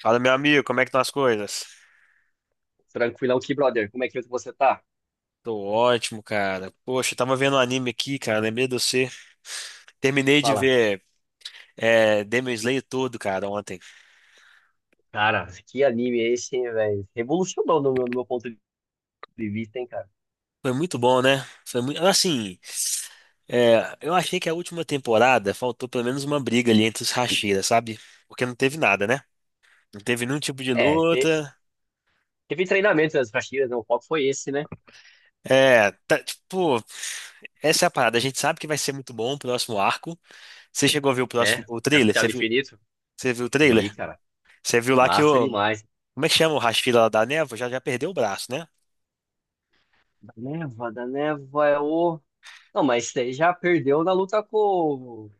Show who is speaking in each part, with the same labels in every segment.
Speaker 1: Fala, meu amigo, como é que estão as coisas?
Speaker 2: Tranquilão aqui, brother. Como é que você tá?
Speaker 1: Tô ótimo, cara. Poxa, eu tava vendo um anime aqui, cara. Lembrei de você. Terminei de
Speaker 2: Fala.
Speaker 1: ver Demon Slayer todo, cara, ontem.
Speaker 2: Cara, que anime é esse, hein, velho? Revolucionou no meu ponto de vista, hein, cara?
Speaker 1: Foi muito bom, né? Foi muito. Assim, eu achei que a última temporada faltou pelo menos uma briga ali entre os Hashiras, sabe? Porque não teve nada, né? Não teve nenhum tipo de
Speaker 2: É,
Speaker 1: luta.
Speaker 2: teve treinamento das Castilhas, né? O foco foi esse, né?
Speaker 1: É, tá, tipo, essa é a parada. A gente sabe que vai ser muito bom o próximo arco. Você chegou a ver o próximo,
Speaker 2: Né?
Speaker 1: o trailer? Você
Speaker 2: Castelo
Speaker 1: viu?
Speaker 2: Infinito.
Speaker 1: Você viu o
Speaker 2: Vi,
Speaker 1: trailer?
Speaker 2: cara.
Speaker 1: Você viu lá que
Speaker 2: Massa
Speaker 1: o,
Speaker 2: demais.
Speaker 1: como é que chama o Rashford lá da névoa? Já perdeu o braço, né?
Speaker 2: Da Neva é o. Não, mas isso aí já perdeu na luta com.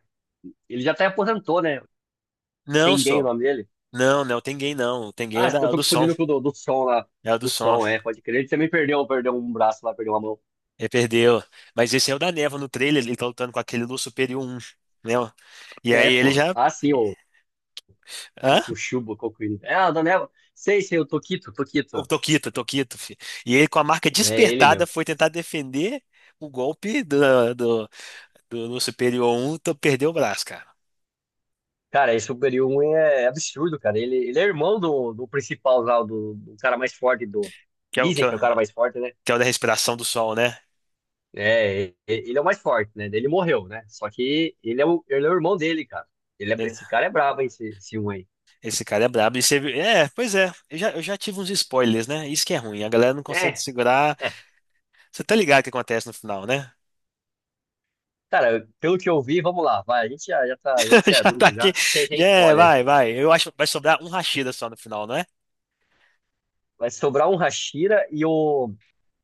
Speaker 2: Ele já até aposentou, né?
Speaker 1: Não,
Speaker 2: Tengen o
Speaker 1: só.
Speaker 2: nome dele.
Speaker 1: Não, não é o Tengen, não. O Tengen é
Speaker 2: Ah,
Speaker 1: o,
Speaker 2: eu
Speaker 1: é o
Speaker 2: tô
Speaker 1: do som.
Speaker 2: confundindo com o do som lá.
Speaker 1: É o do
Speaker 2: Do
Speaker 1: som.
Speaker 2: som, é, pode crer. Ele também perdeu um braço lá, perdeu uma mão.
Speaker 1: Ele perdeu. Mas esse é o da névoa no trailer. Ele tá lutando com aquele Lua Superior um. Né? E aí
Speaker 2: É,
Speaker 1: ele
Speaker 2: pô.
Speaker 1: já.
Speaker 2: Ah, sim,
Speaker 1: Hã?
Speaker 2: Kokushubo, Kokuri. É, a Daniela. Sei, o Tokito,
Speaker 1: O
Speaker 2: Tokito.
Speaker 1: Toquito, Toquito, filho. E ele, com a marca
Speaker 2: É ele
Speaker 1: despertada,
Speaker 2: mesmo.
Speaker 1: foi tentar defender o golpe do Lua Superior um. Então perdeu o braço, cara.
Speaker 2: Cara, esse Superior 1 é absurdo, cara. Ele é irmão do principal lá, do cara mais forte do.
Speaker 1: Que é o, que
Speaker 2: Dizem
Speaker 1: é o,
Speaker 2: que é o cara mais forte, né?
Speaker 1: que é o da respiração do sol, né?
Speaker 2: É, ele é o mais forte, né? Ele morreu, né? Só que ele é o irmão dele, cara. Esse cara é brabo, hein, esse um, aí.
Speaker 1: Esse cara é brabo. E você... É, pois é. Eu já tive uns spoilers, né? Isso que é ruim. A galera não consegue
Speaker 2: É,
Speaker 1: segurar.
Speaker 2: é.
Speaker 1: Você tá ligado o que acontece no final, né?
Speaker 2: Cara, pelo que eu vi, vamos lá. Vai, a gente já, já tá, já tinha
Speaker 1: Já tá
Speaker 2: adulto,
Speaker 1: aqui.
Speaker 2: já, sem
Speaker 1: Já é,
Speaker 2: spoiler.
Speaker 1: vai, vai. Eu acho que vai sobrar um Rashida só no final, não é?
Speaker 2: Vai sobrar um Hashira e o.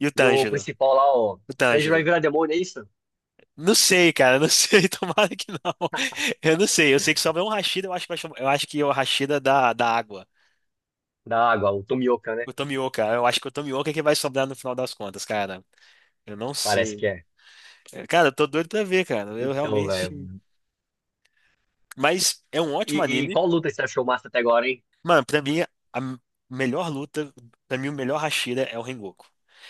Speaker 1: E o
Speaker 2: E o
Speaker 1: Tanjiro.
Speaker 2: principal lá, ó,
Speaker 1: O
Speaker 2: Tanjiro
Speaker 1: Tanjiro.
Speaker 2: vai virar demônio, é isso?
Speaker 1: Não sei, cara. Não sei. Tomara que não. Eu não sei. Eu sei que sobra um Rashida. Eu acho que, eu acho que é o Rashida da, da água.
Speaker 2: Da água, o Tomioka, né?
Speaker 1: O Tomioka. Eu acho que o Tomioka é que vai sobrar no final das contas, cara. Eu não
Speaker 2: Parece
Speaker 1: sei.
Speaker 2: que é.
Speaker 1: É, cara, eu tô doido pra ver, cara. Eu
Speaker 2: Então,
Speaker 1: realmente.
Speaker 2: velho.
Speaker 1: Mas é um
Speaker 2: E,
Speaker 1: ótimo
Speaker 2: e
Speaker 1: anime.
Speaker 2: qual luta você achou massa até agora, hein?
Speaker 1: Mano, pra mim, melhor luta, pra mim, o melhor Hashira é o Rengoku.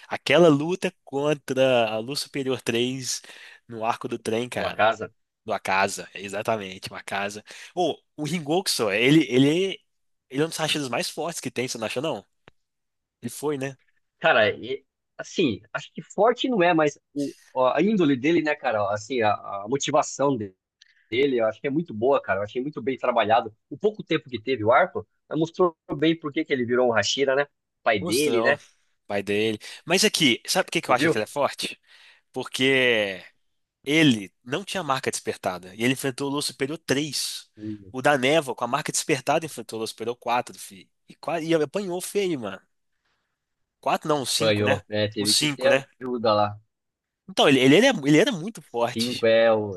Speaker 1: Aquela luta contra a Luz Superior 3 no arco do trem,
Speaker 2: O
Speaker 1: cara.
Speaker 2: Akaza?
Speaker 1: Do Akaza, exatamente, o Akaza. Ô, o Rengoku só, ele é um dos Hashiras mais fortes que tem, você não acha, não? Ele foi, né?
Speaker 2: Cara, assim, acho que forte não é, mas a índole dele, né, cara? Assim, a motivação dele, eu acho que é muito boa, cara. Eu achei muito bem trabalhado. O pouco tempo que teve o arco, mostrou bem por que que ele virou um Hashira, né? Pai dele,
Speaker 1: Mostrou,
Speaker 2: né?
Speaker 1: pai dele. Mas aqui, sabe por que que eu
Speaker 2: Você
Speaker 1: acho que
Speaker 2: viu?
Speaker 1: ele é forte? Porque ele não tinha marca despertada. E ele enfrentou o Lua Superior 3.
Speaker 2: Hum,
Speaker 1: O da Névoa, com a marca despertada, enfrentou o Lua Superior 4 fi. E, e apanhou feio, mano. Quatro não, o cinco, né?
Speaker 2: Apanhou, né?
Speaker 1: O
Speaker 2: Teve que
Speaker 1: cinco, né?
Speaker 2: ter ajuda lá.
Speaker 1: Então, ele, ele era muito
Speaker 2: Cinco
Speaker 1: forte.
Speaker 2: é o.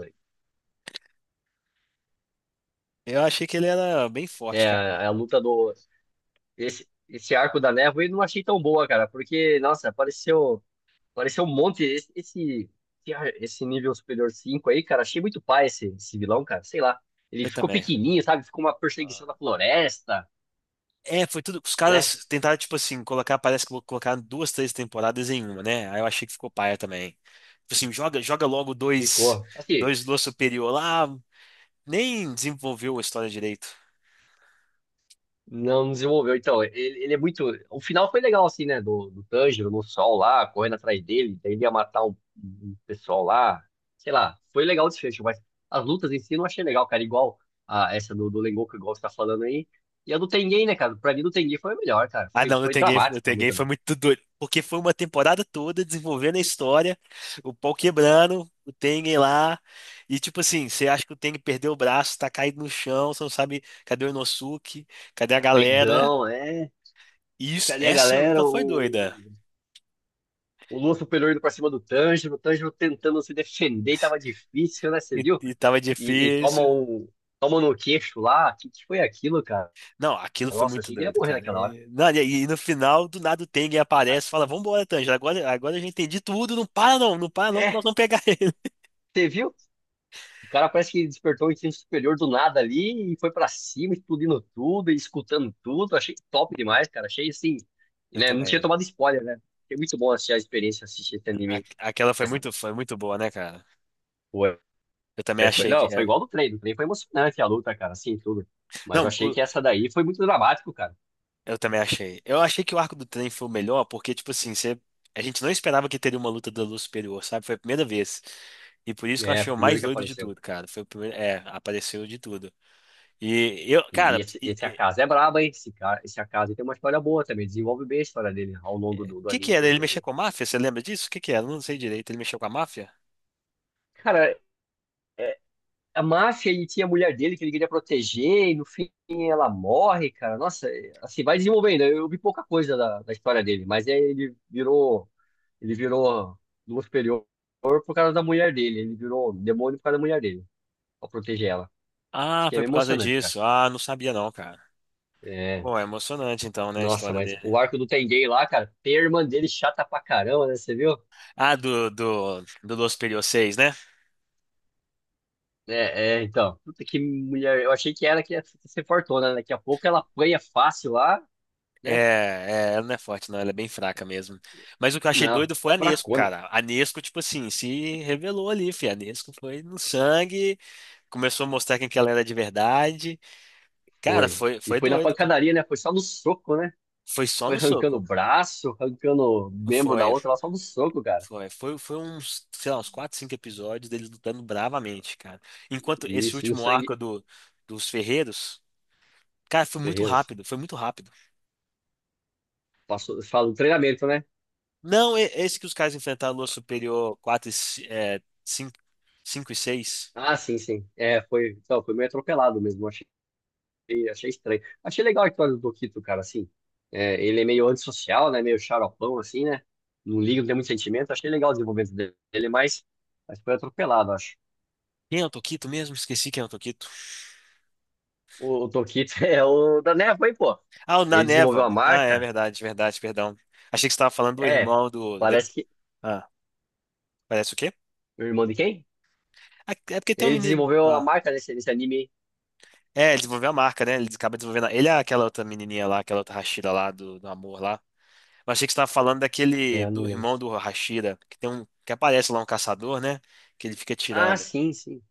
Speaker 1: Eu achei que ele era bem forte,
Speaker 2: É,
Speaker 1: cara.
Speaker 2: a luta do. Esse arco da névoa eu não achei tão boa, cara, porque, nossa, apareceu um monte. Esse nível superior 5 aí, cara, achei muito pai esse vilão, cara, sei lá. Ele
Speaker 1: Eu
Speaker 2: ficou
Speaker 1: também.
Speaker 2: pequenininho, sabe? Ficou uma perseguição na floresta,
Speaker 1: É, foi tudo. Os
Speaker 2: né?
Speaker 1: caras tentaram, tipo assim, colocar, parece que vou colocar duas, três temporadas em uma, né? Aí eu achei que ficou paia também. Tipo assim, joga logo dois,
Speaker 2: Ficou. Assim,
Speaker 1: dois Lua Superior lá. Nem desenvolveu a história direito.
Speaker 2: não desenvolveu. Então, ele é muito. O final foi legal, assim, né? Do Tanjiro no sol lá, correndo atrás dele. Daí ele ia matar um pessoal lá. Sei lá, foi legal o desfecho, mas as lutas em si eu não achei legal, cara. Igual a essa do Rengoku, igual você tá falando aí. E a do Tengen, né, cara? Pra mim, do Tengen foi a melhor, cara.
Speaker 1: Ah,
Speaker 2: Foi,
Speaker 1: não,
Speaker 2: foi
Speaker 1: No
Speaker 2: dramático a
Speaker 1: Ten Game
Speaker 2: luta,
Speaker 1: foi
Speaker 2: né?
Speaker 1: muito doido. Porque foi uma temporada toda desenvolvendo a história, o pau quebrando, o Tengen lá. E tipo assim, você acha que o Tengen perdeu o braço, tá caído no chão, você não sabe cadê o Inosuke, cadê a
Speaker 2: Tá
Speaker 1: galera.
Speaker 2: caidão, é.
Speaker 1: E isso,
Speaker 2: Cadê a
Speaker 1: essa luta
Speaker 2: galera?
Speaker 1: foi
Speaker 2: O
Speaker 1: doida.
Speaker 2: O Lua superior indo pra cima do Tanjiro, o Tanjiro tentando se defender, e tava difícil, né? Você
Speaker 1: E,
Speaker 2: viu?
Speaker 1: e tava
Speaker 2: E
Speaker 1: difícil.
Speaker 2: toma um no queixo lá. O que, que foi aquilo, cara?
Speaker 1: Não, aquilo foi
Speaker 2: Nossa,
Speaker 1: muito
Speaker 2: achei que ele ia
Speaker 1: doido,
Speaker 2: morrer
Speaker 1: cara.
Speaker 2: naquela hora.
Speaker 1: E, não, e no final, do nada o Tengen aparece e fala: Vambora, Tanjiro, agora, agora eu já entendi tudo, não para não, não para não, que nós
Speaker 2: É,
Speaker 1: vamos pegar ele.
Speaker 2: você viu? O cara parece que despertou o instinto superior do nada ali e foi pra cima, explodindo tudo, e escutando tudo. Achei top demais, cara. Achei assim,
Speaker 1: Eu
Speaker 2: né? Não tinha
Speaker 1: também.
Speaker 2: tomado spoiler, né? Foi muito bom assistir a experiência, assistir esse anime.
Speaker 1: Aquela
Speaker 2: Né?
Speaker 1: foi muito boa, né, cara?
Speaker 2: Foi.
Speaker 1: Eu também achei que.
Speaker 2: Não, foi
Speaker 1: É.
Speaker 2: igual do trem. Do trem foi emocionante a luta, cara, assim, tudo. Mas eu
Speaker 1: Não,
Speaker 2: achei que essa daí foi muito dramático, cara.
Speaker 1: eu também achei. Eu achei que o arco do trem foi o melhor, porque, tipo assim, você... a gente não esperava que teria uma luta da luz superior, sabe? Foi a primeira vez. E por isso que eu
Speaker 2: É,
Speaker 1: achei o
Speaker 2: primeiro
Speaker 1: mais
Speaker 2: que
Speaker 1: doido de
Speaker 2: apareceu.
Speaker 1: tudo, cara. Foi o primeiro. É, apareceu de tudo. E eu,
Speaker 2: E,
Speaker 1: cara,
Speaker 2: esse Akaza é brabo, hein? Esse, cara, esse Akaza tem uma história boa também. Desenvolve bem a história dele ao longo
Speaker 1: o
Speaker 2: do
Speaker 1: que que
Speaker 2: anime,
Speaker 1: era?
Speaker 2: pelo
Speaker 1: Ele
Speaker 2: que eu
Speaker 1: mexia
Speaker 2: vi.
Speaker 1: com a máfia? Você lembra disso? O que que era? Eu não sei direito. Ele mexeu com a máfia?
Speaker 2: Cara, é, a máfia, ele tinha a mulher dele que ele queria proteger, e no fim ela morre, cara. Nossa, é, assim, vai desenvolvendo. Eu vi pouca coisa da história dele, mas é, ele virou. Ele virou Lua Superior por causa da mulher dele. Ele virou demônio por causa da mulher dele. Pra proteger ela. Isso
Speaker 1: Ah,
Speaker 2: aqui é
Speaker 1: foi
Speaker 2: bem
Speaker 1: por causa
Speaker 2: emocionante, cara.
Speaker 1: disso. Ah, não sabia não, cara.
Speaker 2: É.
Speaker 1: Bom, é emocionante então, né, a
Speaker 2: Nossa,
Speaker 1: história
Speaker 2: mas
Speaker 1: dele.
Speaker 2: o arco do Tenguei lá, cara, tem a irmã dele chata pra caramba, né? Você viu?
Speaker 1: Ah, do Los Period 6, né?
Speaker 2: É, é, então. Puta que mulher. Eu achei que era que ia ser fortuna, né? Daqui a pouco ela apanha fácil lá, né?
Speaker 1: Ela não é forte, não, ela é bem fraca mesmo. Mas o que eu achei
Speaker 2: Não,
Speaker 1: doido foi a Nesco,
Speaker 2: fracona.
Speaker 1: cara. A Nesco, tipo assim, se revelou ali, fi. A Nesco foi no sangue, começou a mostrar quem que ela era de verdade. Cara,
Speaker 2: Foi.
Speaker 1: foi,
Speaker 2: E
Speaker 1: foi
Speaker 2: foi na
Speaker 1: doido, cara.
Speaker 2: pancadaria, né? Foi só no soco, né?
Speaker 1: Foi só
Speaker 2: Foi
Speaker 1: no
Speaker 2: arrancando o
Speaker 1: soco.
Speaker 2: braço, arrancando o membro da
Speaker 1: Foi,
Speaker 2: outra, lá só no soco, cara.
Speaker 1: foi uns, sei lá, uns 4, 5 episódios deles lutando bravamente, cara. Enquanto esse
Speaker 2: Isso, e o
Speaker 1: último
Speaker 2: sangue.
Speaker 1: arco do, dos Ferreiros, cara,
Speaker 2: Os
Speaker 1: foi muito
Speaker 2: ferreiros.
Speaker 1: rápido, foi muito rápido.
Speaker 2: Passou, fala do treinamento, né?
Speaker 1: Não, esse que os caras enfrentaram a Lua Superior 4, é, 5 5 e 6.
Speaker 2: Ah, sim, sim. É, foi. Então, foi meio atropelado mesmo, eu achei. E achei estranho. Achei legal a história do Doquito, cara, assim. É, ele é meio antissocial, né? Meio xaropão, assim, né? Não liga, não tem muito sentimento. Achei legal o desenvolvimento dele, mas, foi atropelado, acho.
Speaker 1: Quem é o Toquito mesmo? Esqueci quem é o Toquito.
Speaker 2: O Doquito é o da Neva, hein, pô?
Speaker 1: Ah, o Na
Speaker 2: Ele desenvolveu
Speaker 1: Neva.
Speaker 2: a
Speaker 1: Ah, é
Speaker 2: marca.
Speaker 1: verdade, verdade, perdão. Achei que você estava falando do
Speaker 2: É,
Speaker 1: irmão do.
Speaker 2: parece que.
Speaker 1: Ah, parece o quê?
Speaker 2: O irmão de quem?
Speaker 1: Ah, é porque tem um
Speaker 2: Ele
Speaker 1: menino.
Speaker 2: desenvolveu a
Speaker 1: Ah,
Speaker 2: marca nesse anime.
Speaker 1: é, ele desenvolveu a marca, né? Ele acaba desenvolvendo. Ele é aquela outra menininha lá, aquela outra Hashira lá do, do amor lá. Mas achei que você estava falando
Speaker 2: É,
Speaker 1: daquele.
Speaker 2: eu não
Speaker 1: Do
Speaker 2: lembro.
Speaker 1: irmão do Hashira, que tem um. Que aparece lá um caçador, né? Que ele fica
Speaker 2: Ah,
Speaker 1: tirando.
Speaker 2: sim, sim.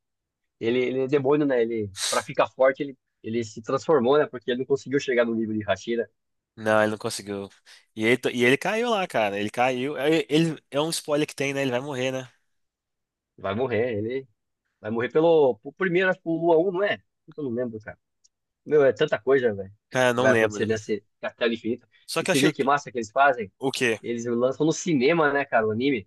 Speaker 2: Ele é demônio, né? Ele, pra ficar forte, ele se transformou, né? Porque ele não conseguiu chegar no nível de Hashira.
Speaker 1: Não, ele não conseguiu. E ele caiu lá, cara. Ele caiu. É um spoiler que tem, né? Ele vai morrer, né?
Speaker 2: Vai morrer, ele. Vai morrer por primeiro, acho que pelo Lua Um, não é? Puta, eu não lembro, cara. Meu, é tanta coisa, velho,
Speaker 1: Cara,
Speaker 2: que
Speaker 1: não
Speaker 2: vai
Speaker 1: lembro.
Speaker 2: acontecer nesse Castelo Infinito.
Speaker 1: Só
Speaker 2: E
Speaker 1: que eu
Speaker 2: você viu
Speaker 1: achei.
Speaker 2: que massa que eles fazem?
Speaker 1: O quê?
Speaker 2: Eles lançam no cinema, né, cara, o anime.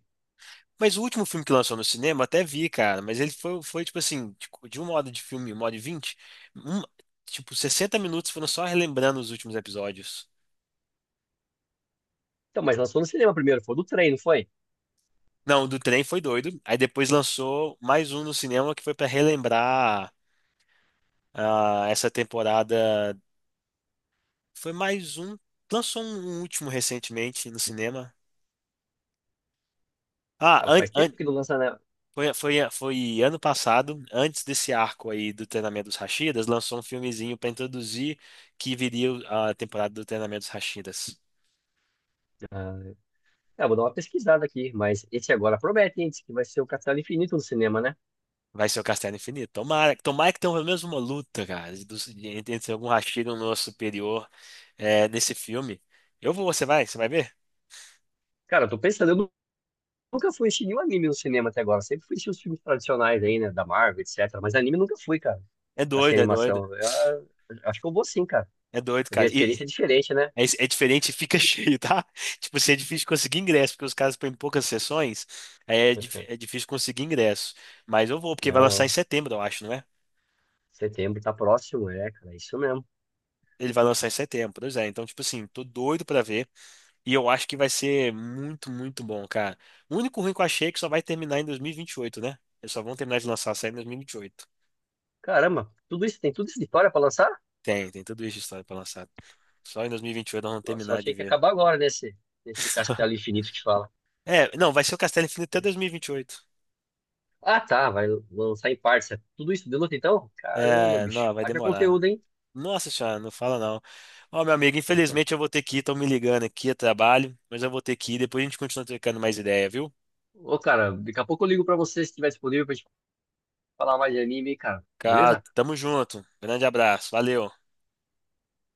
Speaker 1: Mas o último filme que lançou no cinema, até vi, cara, mas ele foi, foi tipo assim, tipo, de uma hora de filme, uma hora e vinte, um- tipo, 60 minutos foram só relembrando os últimos episódios.
Speaker 2: Então, mas lançou no cinema primeiro, foi do trem, não foi?
Speaker 1: Não, o do trem foi doido. Aí depois lançou mais um no cinema que foi pra relembrar ah, essa temporada. Foi mais um. Lançou um, um último recentemente no cinema. Ah,
Speaker 2: Cara,
Speaker 1: an-
Speaker 2: faz tempo
Speaker 1: an-
Speaker 2: que não lança, né?
Speaker 1: Foi, ano passado, antes desse arco aí do treinamento dos Rashidas, lançou um filmezinho pra introduzir que viria a temporada do treinamento dos Rashidas.
Speaker 2: Ah, é, vou dar uma pesquisada aqui, mas esse agora promete, hein, diz que vai ser o Castelo Infinito no cinema, né?
Speaker 1: Vai ser o Castelo Infinito. Tomara, tomara que tenha pelo menos uma luta, cara, entre entre algum Rashida e um nosso superior é, nesse filme. Eu vou, você vai ver?
Speaker 2: Cara, eu tô pensando, nunca fui assistir nenhum anime no cinema até agora, sempre fui assistir os filmes tradicionais aí, né, da Marvel, etc. Mas anime nunca fui, cara,
Speaker 1: É
Speaker 2: assim,
Speaker 1: doido, é doido.
Speaker 2: animação. Acho que eu vou sim, cara.
Speaker 1: É doido,
Speaker 2: Eu vi a
Speaker 1: cara. E
Speaker 2: experiência diferente, né?
Speaker 1: é, é diferente, e fica cheio, tá? Tipo, assim, é difícil conseguir ingresso, porque os caras põem poucas sessões, aí é, é difícil conseguir ingresso. Mas eu vou, porque vai
Speaker 2: Não,
Speaker 1: lançar em
Speaker 2: não.
Speaker 1: setembro, eu acho, não é?
Speaker 2: Setembro tá próximo, é, cara. É isso mesmo.
Speaker 1: Ele vai lançar em setembro, pois é. Então, tipo assim, tô doido pra ver. E eu acho que vai ser muito, muito bom, cara. O único ruim que eu achei é que só vai terminar em 2028, né? Eles só vão terminar de lançar a série em 2028.
Speaker 2: Caramba, tudo isso, tem tudo isso de história pra lançar?
Speaker 1: Tem, tem tudo isso de história pra lançar. Só em 2028 nós vamos
Speaker 2: Nossa, eu
Speaker 1: terminar de
Speaker 2: achei que ia
Speaker 1: ver.
Speaker 2: acabar agora nesse castelo infinito que fala.
Speaker 1: É, não, vai ser o Castelo Infinito até 2028.
Speaker 2: Ah, tá, vai lançar em partes. É tudo isso de luta, então? Caramba,
Speaker 1: É,
Speaker 2: bicho.
Speaker 1: não, vai
Speaker 2: Haja
Speaker 1: demorar.
Speaker 2: conteúdo, hein?
Speaker 1: Nossa senhora, não fala não. Ó, meu amigo, infelizmente eu vou ter que ir, estão me ligando aqui a trabalho, mas eu vou ter que ir. Depois a gente continua trocando mais ideia, viu?
Speaker 2: Ô, cara, daqui a pouco eu ligo pra você se tiver disponível pra gente falar mais de anime, cara.
Speaker 1: Cara,
Speaker 2: Beleza?
Speaker 1: tamo junto. Grande abraço, valeu.